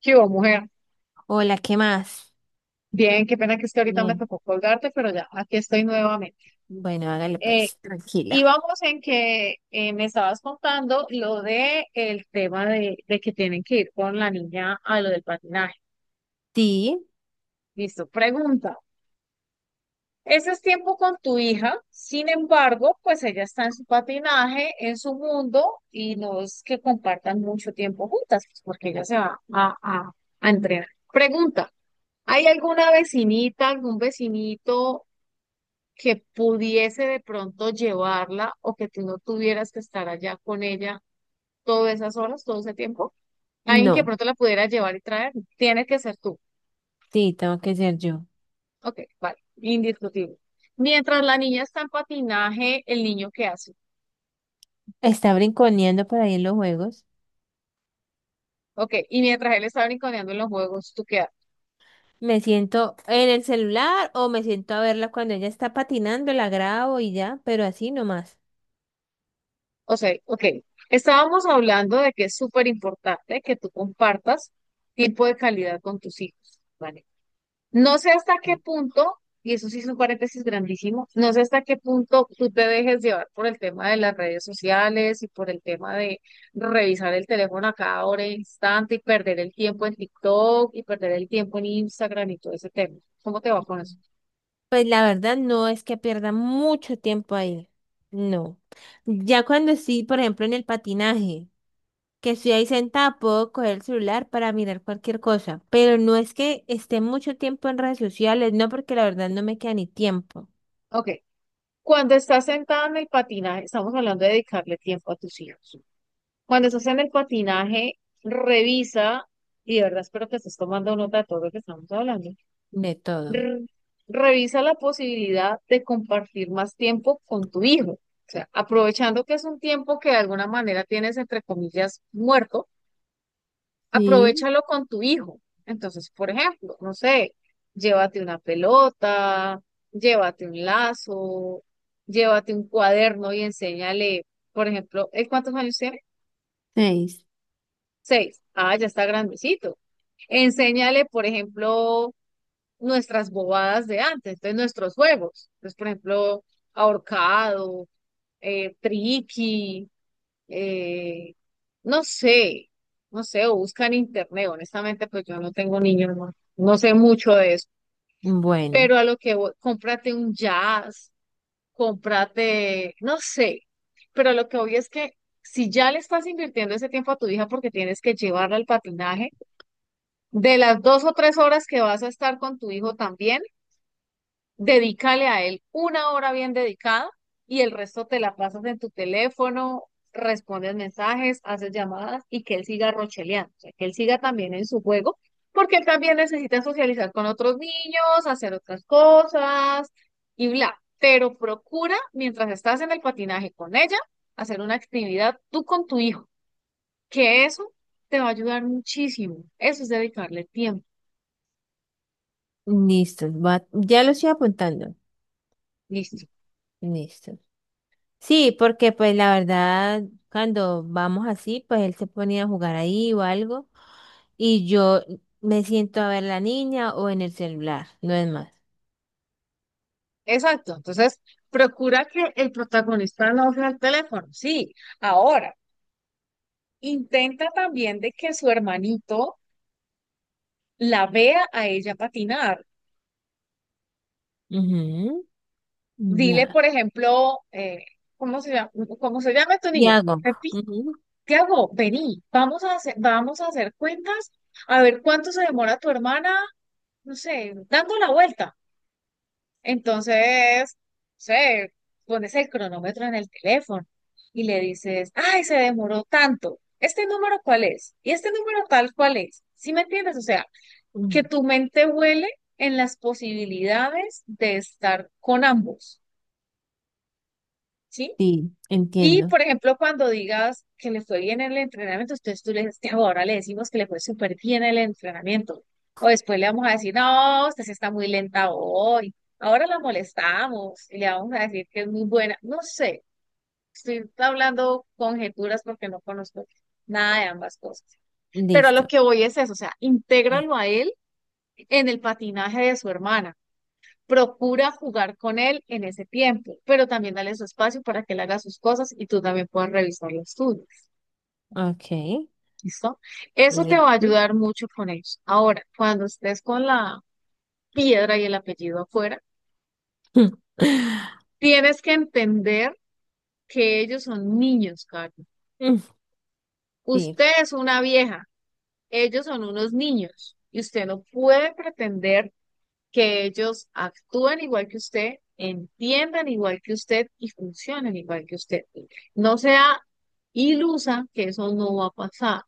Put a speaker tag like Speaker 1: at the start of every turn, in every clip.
Speaker 1: ¿Qué hubo, mujer?
Speaker 2: Hola, ¿qué más?
Speaker 1: Bien, qué pena que es que ahorita me
Speaker 2: Bien.
Speaker 1: tocó colgarte, pero ya, aquí estoy nuevamente.
Speaker 2: Bueno, hágale
Speaker 1: Eh,
Speaker 2: pues, tranquila.
Speaker 1: Íbamos en que me estabas contando lo de el tema de que tienen que ir con la niña a lo del patinaje.
Speaker 2: Sí,
Speaker 1: Listo, pregunta. Ese es tiempo con tu hija, sin embargo, pues ella está en su patinaje, en su mundo, y no es que compartan mucho tiempo juntas, pues, porque ella se va a entrenar. Pregunta, ¿hay alguna vecinita, algún vecinito que pudiese de pronto llevarla o que tú no tuvieras que estar allá con ella todas esas horas, todo ese tiempo? Alguien que de
Speaker 2: no,
Speaker 1: pronto la pudiera llevar y traer, tiene que ser tú.
Speaker 2: sí, tengo que ser yo.
Speaker 1: Ok, vale, indiscutible. Mientras la niña está en patinaje, el niño qué hace.
Speaker 2: Está brinconeando por ahí en los juegos.
Speaker 1: Ok, y mientras él está brinconeando en los juegos, ¿tú qué haces?
Speaker 2: Me siento en el celular o me siento a verla cuando ella está patinando, la grabo y ya, pero así nomás.
Speaker 1: O sea, ok, estábamos hablando de que es súper importante que tú compartas tiempo de calidad con tus hijos, ¿vale? No sé hasta qué punto, y eso sí es un paréntesis grandísimo, no sé hasta qué punto tú te dejes llevar por el tema de las redes sociales y por el tema de revisar el teléfono a cada hora e instante y perder el tiempo en TikTok y perder el tiempo en Instagram y todo ese tema. ¿Cómo te va con eso?
Speaker 2: Pues la verdad no es que pierda mucho tiempo ahí. No. Ya cuando sí, por ejemplo, en el patinaje. Que estoy ahí sentada, puedo coger el celular para mirar cualquier cosa, pero no es que esté mucho tiempo en redes sociales, no, porque la verdad no me queda ni tiempo
Speaker 1: Ok. Cuando estás sentada en el patinaje, estamos hablando de dedicarle tiempo a tus hijos. Cuando estás en el patinaje, revisa, y de verdad espero que estés tomando nota de todo lo que estamos hablando.
Speaker 2: de todo.
Speaker 1: r- Revisa la posibilidad de compartir más tiempo con tu hijo. O sea, aprovechando que es un tiempo que de alguna manera tienes, entre comillas, muerto,
Speaker 2: Sí,
Speaker 1: aprovéchalo con tu hijo. Entonces, por ejemplo, no sé, llévate una pelota, llévate un lazo, llévate un cuaderno y enséñale, por ejemplo, ¿él cuántos años tiene?
Speaker 2: seis.
Speaker 1: 6. Ah, ya está grandecito. Enséñale, por ejemplo, nuestras bobadas de antes, entonces nuestros juegos. Entonces, por ejemplo, ahorcado, triqui, eh, no sé, no sé, o buscan en internet. Honestamente, pues yo no tengo niños, no, no sé mucho de eso.
Speaker 2: Bueno,
Speaker 1: Pero a lo que voy, cómprate un jazz, cómprate, no sé. Pero a lo que voy es que si ya le estás invirtiendo ese tiempo a tu hija porque tienes que llevarla al patinaje, de las 2 o 3 horas que vas a estar con tu hijo también, dedícale a él una hora bien dedicada y el resto te la pasas en tu teléfono, respondes mensajes, haces llamadas y que él siga rocheleando, o sea, que él siga también en su juego, porque él también necesita socializar con otros niños, hacer otras cosas y bla. Pero procura, mientras estás en el patinaje con ella, hacer una actividad tú con tu hijo, que eso te va a ayudar muchísimo. Eso es dedicarle tiempo.
Speaker 2: listo, ya lo estoy apuntando,
Speaker 1: Listo.
Speaker 2: listo. Sí, porque pues la verdad, cuando vamos así, pues él se ponía a jugar ahí o algo, y yo me siento a ver la niña o en el celular, no es más.
Speaker 1: Exacto, entonces procura que el protagonista no vea el teléfono, sí. Ahora, intenta también de que su hermanito la vea a ella patinar.
Speaker 2: Ujú.
Speaker 1: Dile,
Speaker 2: Ya.
Speaker 1: por ejemplo, ¿cómo se llama, cómo se llama tu
Speaker 2: Y
Speaker 1: niño?
Speaker 2: hago.
Speaker 1: Pepi, Tiago, vení, vamos a hacer cuentas, a ver cuánto se demora tu hermana, no sé, dando la vuelta. Entonces, no sé, pones el cronómetro en el teléfono y le dices, ay, se demoró tanto. ¿Este número cuál es? ¿Y este número tal cuál es? ¿Sí me entiendes? O sea,
Speaker 2: Ujú.
Speaker 1: que tu mente huele en las posibilidades de estar con ambos, ¿sí?
Speaker 2: Sí,
Speaker 1: Y,
Speaker 2: entiendo.
Speaker 1: por ejemplo, cuando digas que le fue bien el entrenamiento, entonces tú le dices, "Tiago, ahora le decimos que le fue súper bien el entrenamiento. O después le vamos a decir, no, usted sí está muy lenta hoy. Ahora la molestamos y le vamos a decir que es muy buena". No sé, estoy hablando conjeturas porque no conozco nada de ambas cosas. Pero a lo
Speaker 2: Listo.
Speaker 1: que voy es eso, o sea,
Speaker 2: Eh,
Speaker 1: intégralo a él en el patinaje de su hermana. Procura jugar con él en ese tiempo, pero también dale su espacio para que él haga sus cosas y tú también puedas revisar los tuyos.
Speaker 2: Ok,
Speaker 1: ¿Listo? Eso te va a
Speaker 2: listo.
Speaker 1: ayudar mucho con ellos. Ahora, cuando estés con la piedra y el apellido afuera, tienes que entender que ellos son niños, Carlos.
Speaker 2: Mm, sí,
Speaker 1: Usted es una vieja, ellos son unos niños y usted no puede pretender que ellos actúen igual que usted, entiendan igual que usted y funcionen igual que usted. No sea ilusa que eso no va a pasar.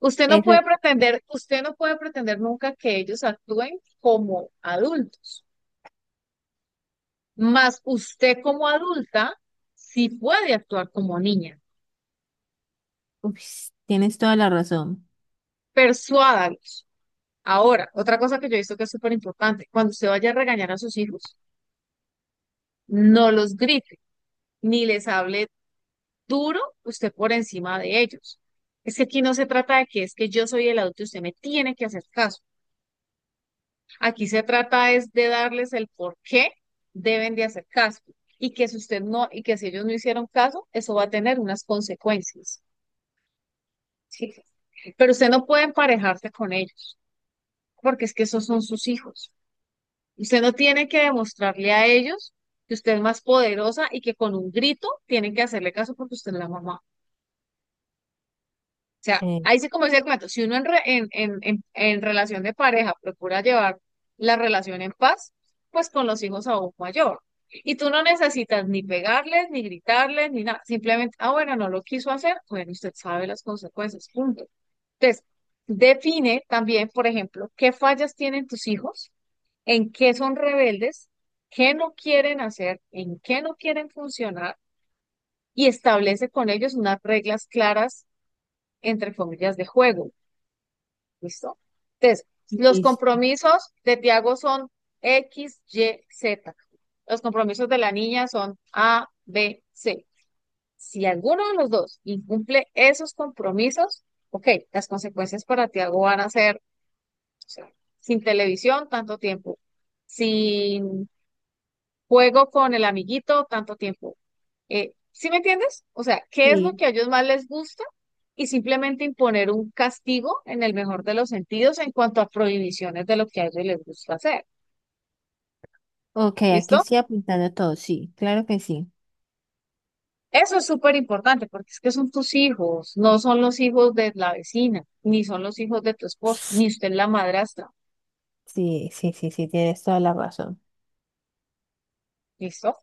Speaker 1: Usted no puede
Speaker 2: ese-
Speaker 1: pretender, usted no puede pretender nunca que ellos actúen como adultos. Más usted como adulta sí puede actuar como niña.
Speaker 2: ups, tienes toda la razón.
Speaker 1: Persuádalos. Ahora, otra cosa que yo he visto que es súper importante, cuando usted vaya a regañar a sus hijos, no los grite, ni les hable duro, usted por encima de ellos. Es que aquí no se trata de que es que yo soy el adulto y usted me tiene que hacer caso. Aquí se trata es de darles el por qué deben de hacer caso y que si usted no, y que si ellos no hicieron caso, eso va a tener unas consecuencias. ¿Sí? Pero usted no puede emparejarse con ellos, porque es que esos son sus hijos. Usted no tiene que demostrarle a ellos que usted es más poderosa y que con un grito tienen que hacerle caso porque usted es la mamá. O sea,
Speaker 2: Eh,
Speaker 1: ahí sí como dice el cuento, si uno en, re- en relación de pareja procura llevar la relación en paz, pues con los hijos aún mayor. Y tú no necesitas ni pegarles, ni gritarles, ni nada. Simplemente, ah, bueno, no lo quiso hacer, bueno, usted sabe las consecuencias, punto. Entonces, define también, por ejemplo, qué fallas tienen tus hijos, en qué son rebeldes, qué no quieren hacer, en qué no quieren funcionar, y establece con ellos unas reglas claras, entre comillas, de juego. ¿Listo? Entonces, los
Speaker 2: Listo.
Speaker 1: compromisos de Tiago son X, Y, Z. Los compromisos de la niña son A, B, C. Si alguno de los dos incumple esos compromisos, ok, las consecuencias para Tiago van a ser, o sea, sin televisión tanto tiempo, sin juego con el amiguito tanto tiempo. ¿Sí me entiendes? O sea, ¿qué es lo
Speaker 2: Sí.
Speaker 1: que a ellos más les gusta? Y simplemente imponer un castigo en el mejor de los sentidos en cuanto a prohibiciones de lo que a ellos les gusta hacer.
Speaker 2: Ok, aquí
Speaker 1: ¿Listo?
Speaker 2: estoy apuntando todo. Sí, claro que sí.
Speaker 1: Eso es súper importante porque es que son tus hijos, no son los hijos de la vecina, ni son los hijos de tu esposo, ni usted es la madrastra.
Speaker 2: Sí, sí, sí, sí, tienes toda la razón.
Speaker 1: ¿Listo?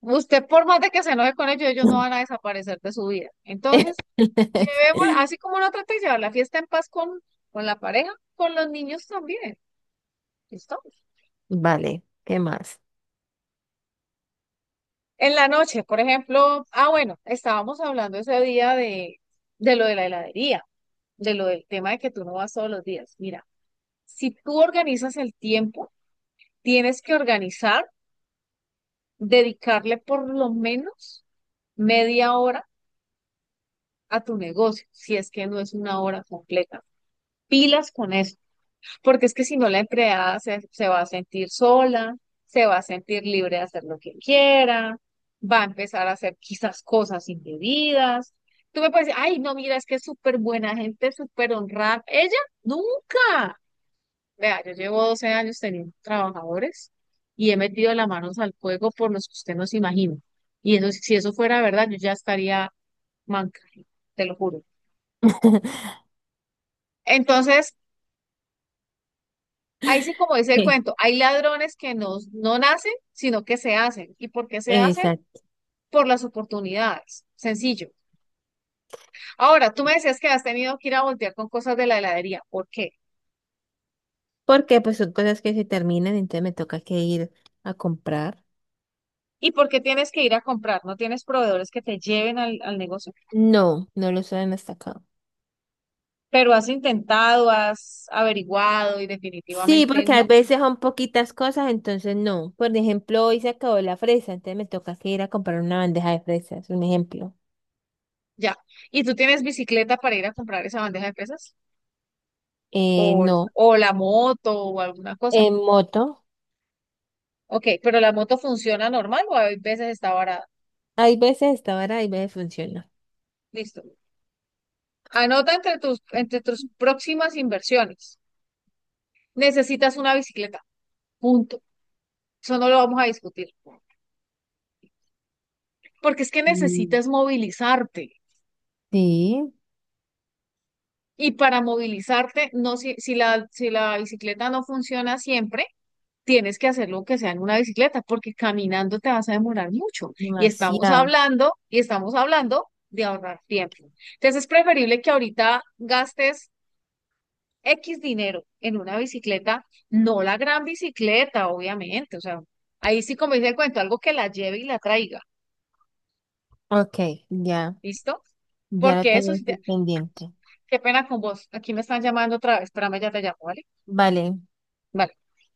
Speaker 1: Usted, por más de que se enoje con ellos, ellos no van a desaparecer de su vida. Entonces, llevémosla, así como no trate de llevar la fiesta en paz con, la pareja, con los niños también. ¿Listo?
Speaker 2: Vale, ¿qué más?
Speaker 1: En la noche, por ejemplo, ah, bueno, estábamos hablando ese día de lo de la heladería, de lo del tema de que tú no vas todos los días. Mira, si tú organizas el tiempo, tienes que organizar, dedicarle por lo menos media hora a tu negocio, si es que no es una hora completa. Pilas con eso. Porque es que si no la empleada se va a sentir sola, se va a sentir libre de hacer lo que quiera, va a empezar a hacer quizás cosas indebidas. Tú me puedes decir, ay, no, mira, es que es súper buena gente, súper honrada. Ella nunca. Vea, yo llevo 12 años teniendo trabajadores y he metido las manos al fuego por los que usted no se imagina. Y eso, si eso fuera verdad, yo ya estaría manca, te lo juro. Entonces, ahí sí, como dice el
Speaker 2: ¿Qué?
Speaker 1: cuento, hay ladrones que no nacen, sino que se hacen. ¿Y por qué se hacen?
Speaker 2: Exacto.
Speaker 1: Por las oportunidades. Sencillo. Ahora, tú me decías que has tenido que ir a voltear con cosas de la heladería. ¿Por qué?
Speaker 2: Porque pues son cosas que se terminan, entonces me toca que ir a comprar.
Speaker 1: ¿Y por qué tienes que ir a comprar? No tienes proveedores que te lleven al, negocio,
Speaker 2: No, no lo saben hasta acá.
Speaker 1: pero has intentado, has averiguado y
Speaker 2: Sí,
Speaker 1: definitivamente
Speaker 2: porque a
Speaker 1: no.
Speaker 2: veces son poquitas cosas, entonces no. Por ejemplo, hoy se acabó la fresa, entonces me toca que ir a comprar una bandeja de fresas, un ejemplo.
Speaker 1: Ya. ¿Y tú tienes bicicleta para ir a comprar esa bandeja de pesas? ¿O,
Speaker 2: No,
Speaker 1: o la moto o alguna cosa?
Speaker 2: en moto,
Speaker 1: Ok, pero la moto funciona normal o a veces está barata.
Speaker 2: hay veces está barata, hay veces funciona.
Speaker 1: Listo. Anota entre tus próximas inversiones. Necesitas una bicicleta, punto. Eso no lo vamos a discutir. Porque es que
Speaker 2: Mm,
Speaker 1: necesitas movilizarte.
Speaker 2: sí,
Speaker 1: Y para movilizarte, no, si, si la bicicleta no funciona siempre, tienes que hacerlo que sea en una bicicleta, porque caminando te vas a demorar mucho. Y estamos
Speaker 2: demasiado.
Speaker 1: hablando, y estamos hablando de ahorrar tiempo. Entonces es preferible que ahorita gastes X dinero en una bicicleta, no la gran bicicleta, obviamente, o sea, ahí sí como dice el cuento, algo que la lleve y la traiga,
Speaker 2: Ok, ya,
Speaker 1: ¿listo?
Speaker 2: ya lo
Speaker 1: Porque eso
Speaker 2: tengo
Speaker 1: sí,
Speaker 2: aquí pendiente.
Speaker 1: qué pena con vos, aquí me están llamando otra vez, espérame, ya te llamo, ¿vale?
Speaker 2: Vale.
Speaker 1: Vale.